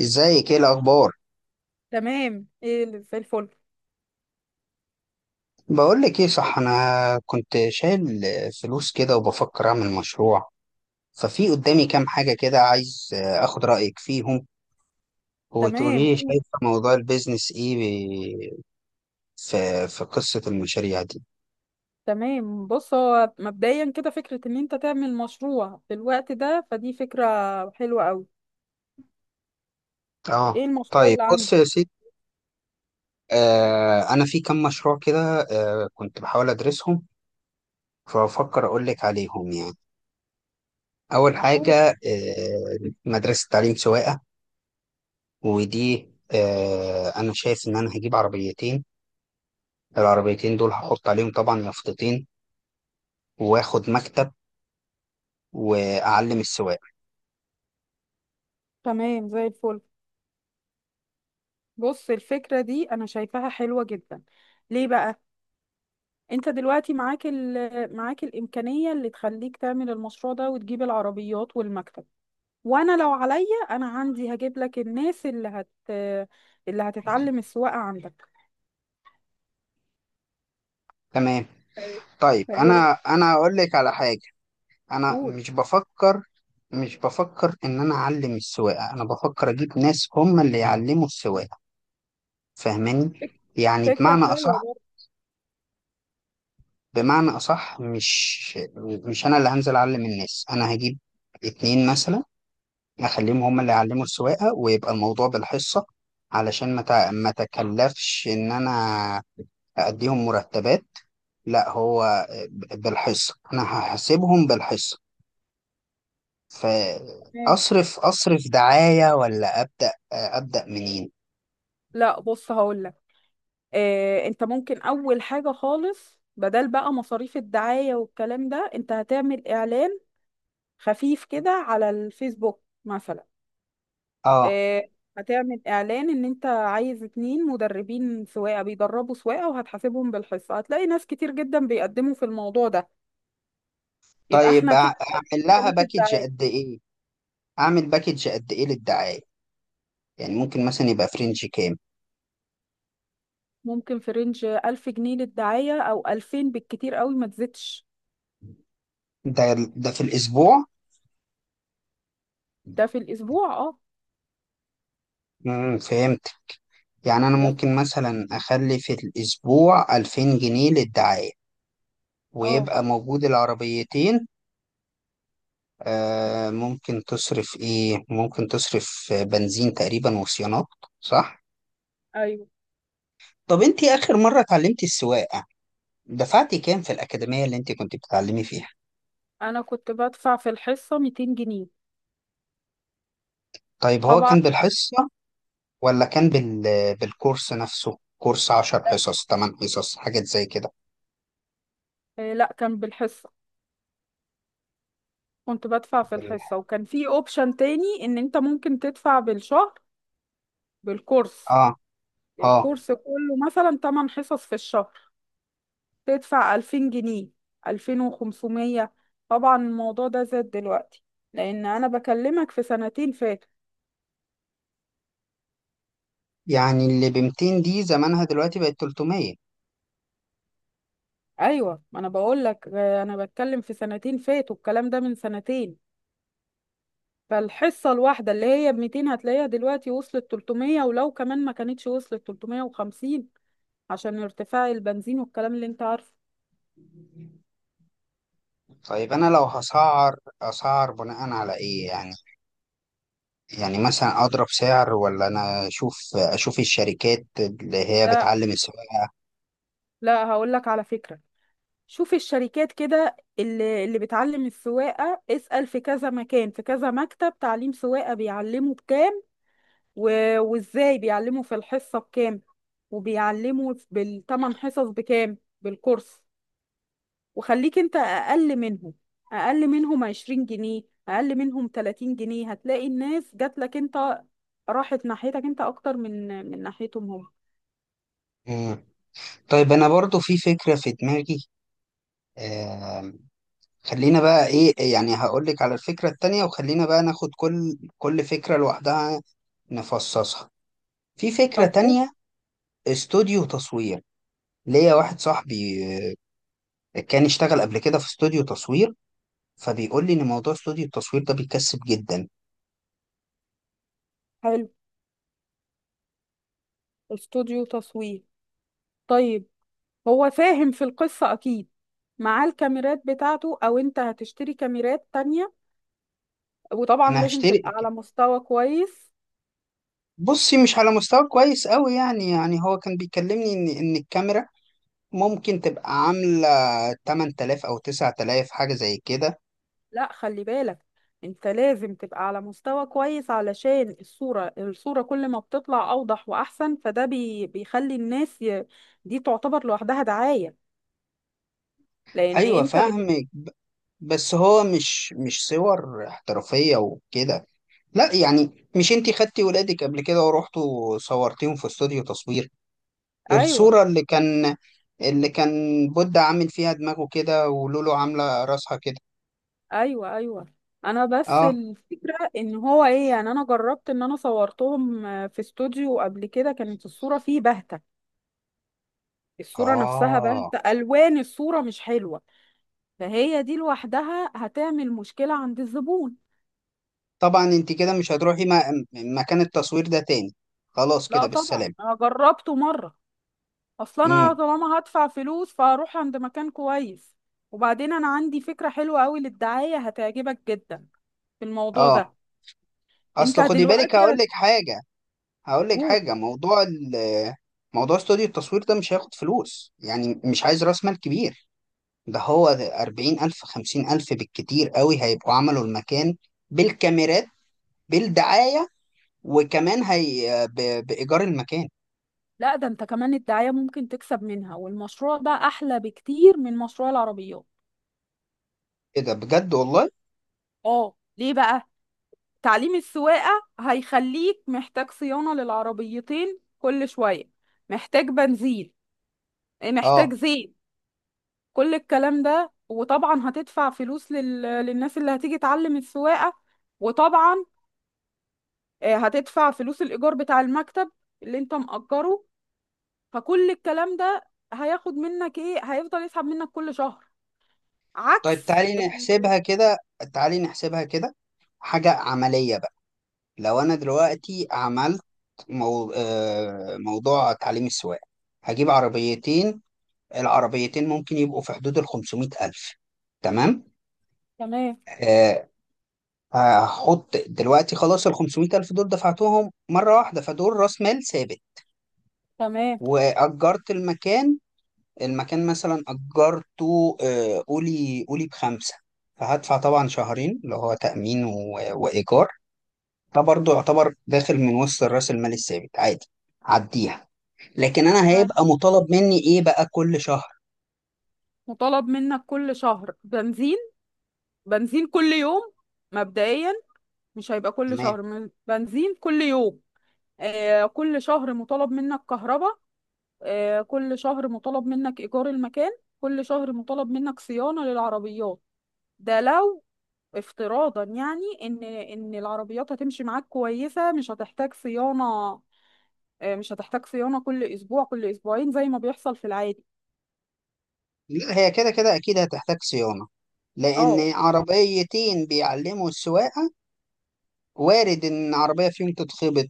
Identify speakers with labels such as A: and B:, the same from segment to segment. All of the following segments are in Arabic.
A: ازيك؟ ايه الاخبار؟
B: تمام، ايه اللي زي الفل؟
A: بقول لك ايه، صح؟ انا كنت شايل فلوس كده وبفكر اعمل مشروع، ففي قدامي كام حاجه كده عايز اخد رايك فيهم وتقولي
B: تمام،
A: لي شايفه موضوع البيزنس ايه في قصه المشاريع دي.
B: تمام. بص، هو مبدئيا كده فكرة ان انت تعمل مشروع في الوقت ده، فدي فكرة حلوة قوي.
A: اه
B: ايه المشروع
A: طيب
B: اللي
A: بص
B: عندك؟
A: يا سيدي. انا في كام مشروع كده، كنت بحاول ادرسهم، فبفكر اقول لك عليهم يعني. اول
B: قول.
A: حاجه، آه مدرسه تعليم سواقه. ودي انا شايف ان انا هجيب عربيتين، العربيتين دول هحط عليهم طبعا مفطتين، واخد مكتب، واعلم السواق.
B: تمام، زي الفل. بص، الفكرة دي انا شايفاها حلوة جدا. ليه بقى؟ انت دلوقتي معاك الامكانية اللي تخليك تعمل المشروع ده وتجيب العربيات والمكتب. وانا لو عليا انا عندي هجيب لك الناس اللي هتتعلم السواقة عندك.
A: تمام.
B: طيب.
A: طيب
B: فايه
A: انا
B: رأيك؟
A: انا اقول لك على حاجه. انا
B: قول.
A: مش بفكر ان انا اعلم السواقه، انا بفكر اجيب ناس هم اللي يعلموا السواقه، فاهماني؟
B: فك-
A: يعني
B: فكرة
A: بمعنى
B: حلوة
A: اصح،
B: برضه.
A: مش، انا اللي هنزل اعلم الناس، انا هجيب اتنين مثلا، اخليهم هم اللي يعلموا السواقه، ويبقى الموضوع بالحصه، علشان ما تكلفش ان انا هأديهم مرتبات. لا هو بالحصة، أنا هحاسبهم بالحصة.
B: ماشي.
A: فأصرف دعاية، ولا أبدأ منين؟
B: لا، بص هقولك. انت ممكن اول حاجة خالص، بدل بقى مصاريف الدعاية والكلام ده، انت هتعمل اعلان خفيف كده على الفيسبوك مثلا.
A: آه
B: آه، هتعمل اعلان ان انت عايز اتنين مدربين سواقة بيدربوا سواقة وهتحاسبهم بالحصة، هتلاقي ناس كتير جدا بيقدموا في الموضوع ده. يبقى
A: طيب،
B: احنا كده شلنا
A: أعمل لها
B: تكاليف
A: باكج
B: الدعاية.
A: قد إيه؟ أعمل باكج قد إيه للدعاية؟ يعني ممكن مثلا يبقى فرنج كام؟
B: ممكن في رينج 1000 جنيه للدعاية او 2000 بالكتير قوي، ما تزيدش.
A: ده في الأسبوع؟
B: ده في الاسبوع، اه.
A: فهمت. يعني أنا
B: ده.
A: ممكن مثلا أخلي في الأسبوع 2000 جنيه للدعاية،
B: اه.
A: ويبقى موجود العربيتين. آه ممكن تصرف ايه، ممكن تصرف بنزين تقريبا وصيانات، صح؟
B: ايوه،
A: طب انت اخر مرة اتعلمتي السواقة دفعتي كام في الأكاديمية اللي انت كنت بتتعلمي فيها؟
B: انا كنت بدفع في الحصه 200 جنيه.
A: طيب هو
B: طبعا.
A: كان بالحصة ولا كان بالكورس نفسه؟ كورس عشر
B: لا.
A: حصص 8 حصص، حاجات زي كده.
B: لا، كان بالحصه. كنت بدفع في
A: بال-
B: الحصه، وكان في اوبشن تاني ان انت ممكن تدفع بالشهر. بالكورس.
A: اه اه.
B: الكورس كله مثلا 8 حصص في الشهر، تدفع 2000 جنيه، 2500. طبعا الموضوع ده زاد دلوقتي، لان انا بكلمك في سنتين فاتوا.
A: يعني اللي ب 200 دي زمانها دلوقتي بقت 300.
B: ايوه، ما انا بقول لك انا بتكلم في سنتين فاتوا، الكلام ده من سنتين. فالحصة الواحدة اللي هي ب 200 هتلاقيها دلوقتي وصلت 300، ولو كمان ما كانتش وصلت 350، عشان ارتفاع البنزين والكلام اللي انت عارفه.
A: طيب انا لو هسعر، اسعر بناء على ايه يعني؟ يعني مثلا اضرب سعر، ولا انا اشوف الشركات اللي هي
B: لا.
A: بتعلم السواقه؟
B: لا، هقول لك على فكرة. شوف الشركات كده اللي بتعلم السواقة، اسأل في كذا مكان، في كذا مكتب تعليم سواقة بيعلموا بكام، و... وازاي بيعلموا في الحصة بكام، وبيعلموا بالثمان حصص بكام بالكورس. وخليك انت اقل منهم، اقل منهم 20 جنيه، اقل منهم 30 جنيه، هتلاقي الناس جات لك انت، راحت ناحيتك انت اكتر من ناحيتهم هم.
A: مم. طيب انا برضو في فكره في دماغي. آم، خلينا بقى ايه يعني، هقول لك على الفكره التانية، وخلينا بقى ناخد كل فكره لوحدها، نفصصها. في فكره
B: طب
A: تانية: استوديو تصوير. ليا واحد صاحبي كان اشتغل قبل كده في استوديو تصوير، فبيقول لي ان موضوع استوديو التصوير ده بيكسب جدا.
B: حلو. استوديو تصوير. طيب. هو فاهم في القصة اكيد. معاه الكاميرات بتاعته او انت هتشتري كاميرات تانية؟ وطبعا
A: انا
B: لازم تبقى
A: هشترك.
B: على مستوى كويس.
A: بصي، مش على مستوى كويس قوي يعني، يعني هو كان بيكلمني ان الكاميرا ممكن تبقى عامله 8000 او 9000، حاجه زي كده.
B: لا، خلي بالك، انت لازم تبقى على مستوى كويس علشان الصورة كل ما بتطلع اوضح واحسن فده بيخلي الناس دي تعتبر لوحدها دعاية. لان
A: ايوه
B: انت
A: فاهمك، بس هو مش صور احترافيه وكده. لا يعني، مش انتي خدتي ولادك قبل كده ورحتوا صورتيهم في استوديو تصوير؟
B: ايوه،
A: الصوره اللي كان بودة عامل فيها دماغه كده، ولولو عامله راسها كده.
B: ايوه، ايوه. انا بس
A: اه.
B: الفكرة ان هو ايه يعني، انا جربت ان انا صورتهم في استوديو قبل كده، كانت الصورة فيه باهتة. الصورة نفسها
A: اه
B: باهتة، الوان الصورة مش حلوة، فهي دي لوحدها هتعمل مشكلة عند الزبون.
A: طبعا، انت كده مش هتروحي مكان التصوير ده تاني، خلاص كده
B: لا طبعا،
A: بالسلامة.
B: انا جربته مرة. اصل انا
A: امم
B: طالما هدفع فلوس فهروح عند مكان كويس. وبعدين انا عندي فكرة حلوة قوي للدعاية هتعجبك جدا في الموضوع ده.
A: اه.
B: انت
A: اصل خدي بالك
B: دلوقتي.
A: هقول لك حاجة،
B: هتقول.
A: موضوع موضوع استوديو التصوير ده مش هياخد فلوس، يعني مش عايز راس مال كبير. ده هو 40 ألف، 50 ألف بالكتير قوي، هيبقوا عملوا المكان، بالكاميرات، بالدعاية، وكمان هي بإيجار المكان.
B: لا ده انت كمان الدعاية ممكن تكسب منها، والمشروع ده احلى بكتير من مشروع العربيات.
A: ايه ده بجد؟ والله!
B: اه، ليه بقى؟ تعليم السواقة هيخليك محتاج صيانة للعربيتين كل شوية، محتاج بنزين، محتاج
A: اه.
B: زيت، كل الكلام ده. وطبعا هتدفع فلوس للناس اللي هتيجي تعلم السواقة. وطبعا هتدفع فلوس الإيجار بتاع المكتب اللي انت مأجره. فكل الكلام ده هياخد منك ايه، هيفضل يسحب منك كل شهر.
A: طيب
B: عكس ال...
A: تعالي نحسبها كده، حاجة عملية. لو انا دلوقتي عملت، موضوع تعليم السواقه، هجيب عربيتين. العربيتين ممكن يبقوا في حدود ال 500 الف، تمام.
B: تمام،
A: آه، هحط دلوقتي خلاص، ال 500 الف دول دفعتهم مره واحده، فدول راس مال ثابت.
B: تمام.
A: واجرت المكان، المكان مثلا اجرته، قولي قولي بخمسه. فهدفع طبعا شهرين، اللي هو تامين وايجار. ده برضه يعتبر داخل من وسط راس المال الثابت، عادي، عديها. لكن انا
B: أيوة.
A: هيبقى مطالب مني ايه بقى كل شهر؟
B: مطالب منك كل شهر بنزين، بنزين كل يوم مبدئيا، مش هيبقى كل
A: تمام.
B: شهر، بنزين كل يوم. كل شهر مطالب منك كهرباء، كل شهر مطالب منك إيجار المكان، كل شهر مطالب منك صيانة للعربيات. ده لو افتراضا، يعني إن العربيات هتمشي معاك كويسة مش هتحتاج صيانة. مش هتحتاج صيانة كل أسبوع، كل أسبوعين زي ما بيحصل في العادي.
A: لا هي كده كده اكيد هتحتاج صيانة،
B: اه،
A: لان عربيتين بيعلموا السواقة، وارد ان عربية فيهم تتخبط،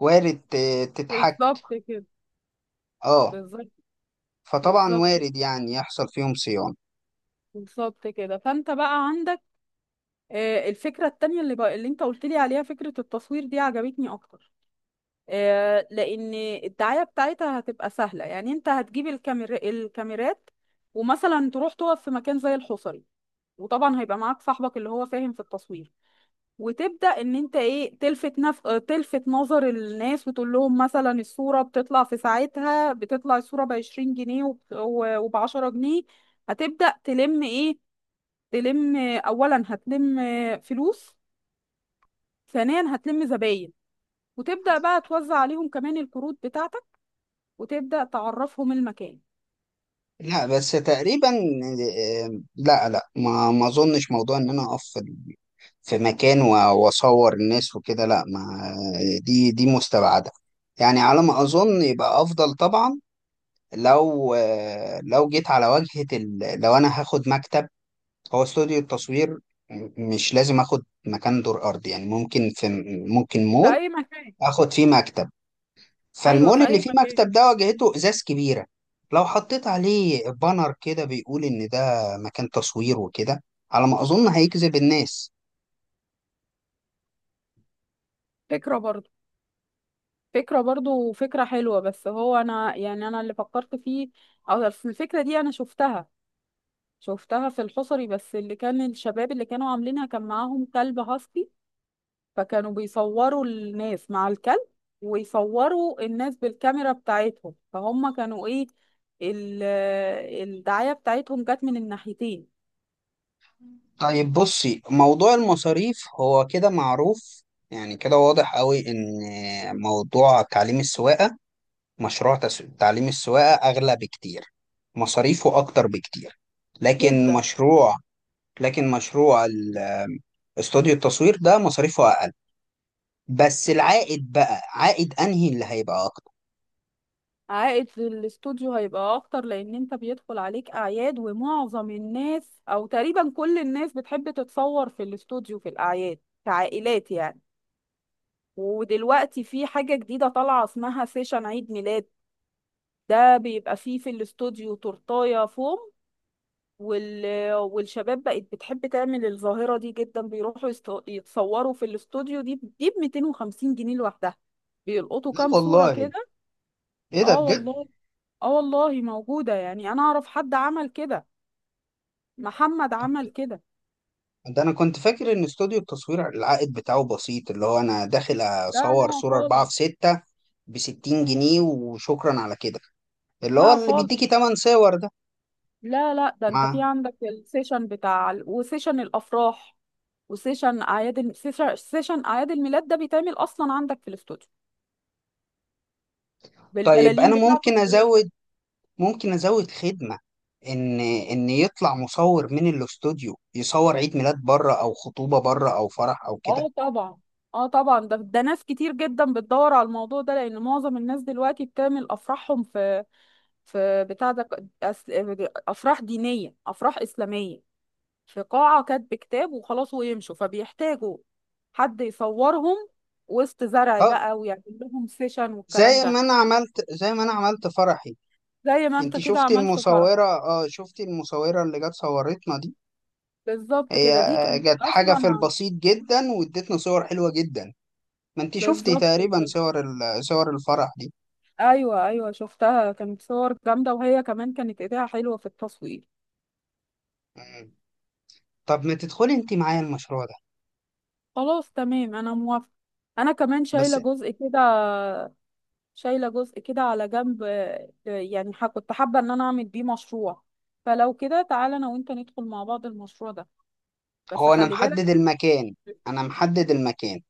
A: وارد تتحك.
B: بالظبط كده.
A: اه.
B: بالظبط.
A: فطبعا
B: بالظبط
A: وارد
B: كده.
A: يعني يحصل فيهم صيانة.
B: بالظبط كده، فانت بقى عندك الفكره التانية، اللي بقى اللي انت قلت لي عليها، فكره التصوير، دي عجبتني اكتر. لان الدعايه بتاعتها هتبقى سهله، يعني انت هتجيب الكاميرات، ومثلا تروح تقف في مكان زي الحصري، وطبعا هيبقى معاك صاحبك اللي هو فاهم في التصوير، وتبدا ان انت ايه، تلفت نف... آه، تلفت نظر الناس، وتقول لهم مثلا الصوره بتطلع في ساعتها، بتطلع الصوره ب 20 جنيه وب 10 جنيه. هتبدا تلم ايه؟ تلم اولا هتلم فلوس، ثانيا هتلم زباين، وتبدا بقى توزع عليهم كمان الكروت بتاعتك، وتبدأ تعرفهم المكان.
A: لا بس تقريبا، لا لا، ما اظنش موضوع ان انا اقف في مكان واصور الناس وكده، لا ما، دي مستبعدة. يعني على ما اظن يبقى افضل طبعا لو، لو جيت على واجهة ال... لو أنا هاخد مكتب. هو استوديو التصوير مش لازم آخد مكان دور أرضي، يعني ممكن في، ممكن
B: في
A: مول
B: اي مكان.
A: آخد فيه مكتب.
B: ايوه،
A: فالمول
B: في
A: اللي
B: اي
A: فيه
B: مكان.
A: مكتب ده واجهته إزاز كبيرة، لو حطيت عليه بانر كده بيقول إن ده مكان تصوير وكده، على ما أظن هيجذب الناس.
B: فكره برضو. فكره برضو، فكره حلوه، بس هو انا، يعني انا اللي فكرت فيه، او أصل الفكره دي انا شفتها، شفتها في الحصري، بس اللي كان الشباب اللي كانوا عاملينها كان معاهم كلب هاسكي، فكانوا بيصوروا الناس مع الكلب، ويصوروا الناس بالكاميرا بتاعتهم، فهم كانوا ايه، ال- الدعايه بتاعتهم جت من الناحيتين.
A: طيب بصي، موضوع المصاريف هو كده معروف، يعني كده واضح قوي إن موضوع تعليم السواقة، مشروع تعليم السواقة أغلى بكتير، مصاريفه أكتر بكتير. لكن
B: جدا.
A: مشروع، لكن مشروع ال- استوديو التصوير ده مصاريفه أقل. بس العائد بقى، عائد أنهي اللي هيبقى أكتر؟
B: عائد للاستوديو هيبقى اكتر، لان انت بيدخل عليك اعياد، ومعظم الناس او تقريبا كل الناس بتحب تتصور في الاستوديو في الاعياد، كعائلات يعني. ودلوقتي في حاجة جديدة طالعة اسمها سيشن عيد ميلاد، ده بيبقى فيه في الاستوديو تورتاية فوم، والشباب بقت بتحب تعمل الظاهرة دي جدا، بيروحوا يتصوروا في الاستوديو، دي ب 250 جنيه لوحدها، بيلقطوا
A: لا
B: كام صورة
A: والله،
B: كده.
A: إيه ده
B: اه
A: بجد؟
B: والله. اه والله موجودة، يعني انا اعرف حد عمل كده، محمد
A: طب
B: عمل كده.
A: ده أنا كنت فاكر إن استوديو التصوير العائد بتاعه بسيط، اللي هو أنا داخل
B: لا
A: أصور
B: لا
A: صورة أربعة
B: خالص.
A: في ستة ب 60 جنيه وشكرا على كده، اللي هو
B: لا
A: اللي
B: خالص.
A: بيديكي 8 صور ده.
B: لا لا، ده انت
A: مع.
B: في عندك السيشن بتاع وسيشن الافراح، وسيشن اعياد سيشن اعياد الميلاد، ده بيتعمل اصلا عندك في الاستوديو
A: طيب
B: بالبلالين
A: أنا
B: بتاعته
A: ممكن
B: بكل حاجة.
A: أزود، ممكن ازود خدمه، ان يطلع مصور من الاستوديو يصور عيد ميلاد بره، او خطوبه بره، او فرح، او كده.
B: اه طبعا. اه طبعا، ده ناس كتير جدا بتدور على الموضوع ده، لان معظم الناس دلوقتي بتعمل افراحهم في، في بتاع ده، افراح دينية، افراح اسلامية، في قاعة كاتب كتاب وخلاص ويمشوا، فبيحتاجوا حد يصورهم وسط زرع
A: اه.
B: بقى، ويعمل لهم سيشن والكلام ده.
A: زي ما انا عملت فرحي.
B: زي ما انت
A: انت
B: كده
A: شفتي
B: عملت
A: المصوره؟
B: فرحة،
A: اه، شفتي المصوره اللي جت صورتنا دي.
B: بالظبط
A: هي
B: كده. دي كانت
A: جت حاجه
B: اصلا
A: في
B: ع-
A: البسيط جدا، وادتنا صور حلوه جدا. ما انت شفتي
B: بالظبط
A: تقريبا
B: كده.
A: صور الفرح دي.
B: ايوه، ايوه، شفتها، كانت صور جامدة، وهي كمان كانت ايديها حلوة في التصوير.
A: مم. طب ما تدخلي انت معايا المشروع ده.
B: خلاص تمام، انا موافقة. انا كمان
A: بس
B: شايلة جزء كده. شايلة جزء كده على جنب، يعني كنت حابة ان انا اعمل بيه مشروع، فلو كده تعالى انا وانت ندخل مع بعض المشروع ده، بس
A: هو انا
B: خلي
A: محدد
B: بالك.
A: المكان، انا محدد المكان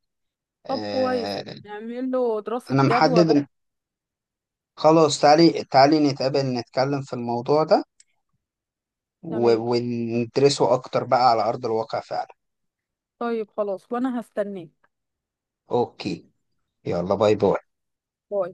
B: طب كويس،
A: آه،
B: نعمل له دراسة
A: انا محدد
B: جدوى بقى.
A: خلاص، تعالي نتقابل، نتكلم في الموضوع ده،
B: تمام.
A: وندرسه اكتر بقى على ارض الواقع فعلا.
B: طيب خلاص، وانا هستناك.
A: اوكي، يلا باي باي.
B: باي.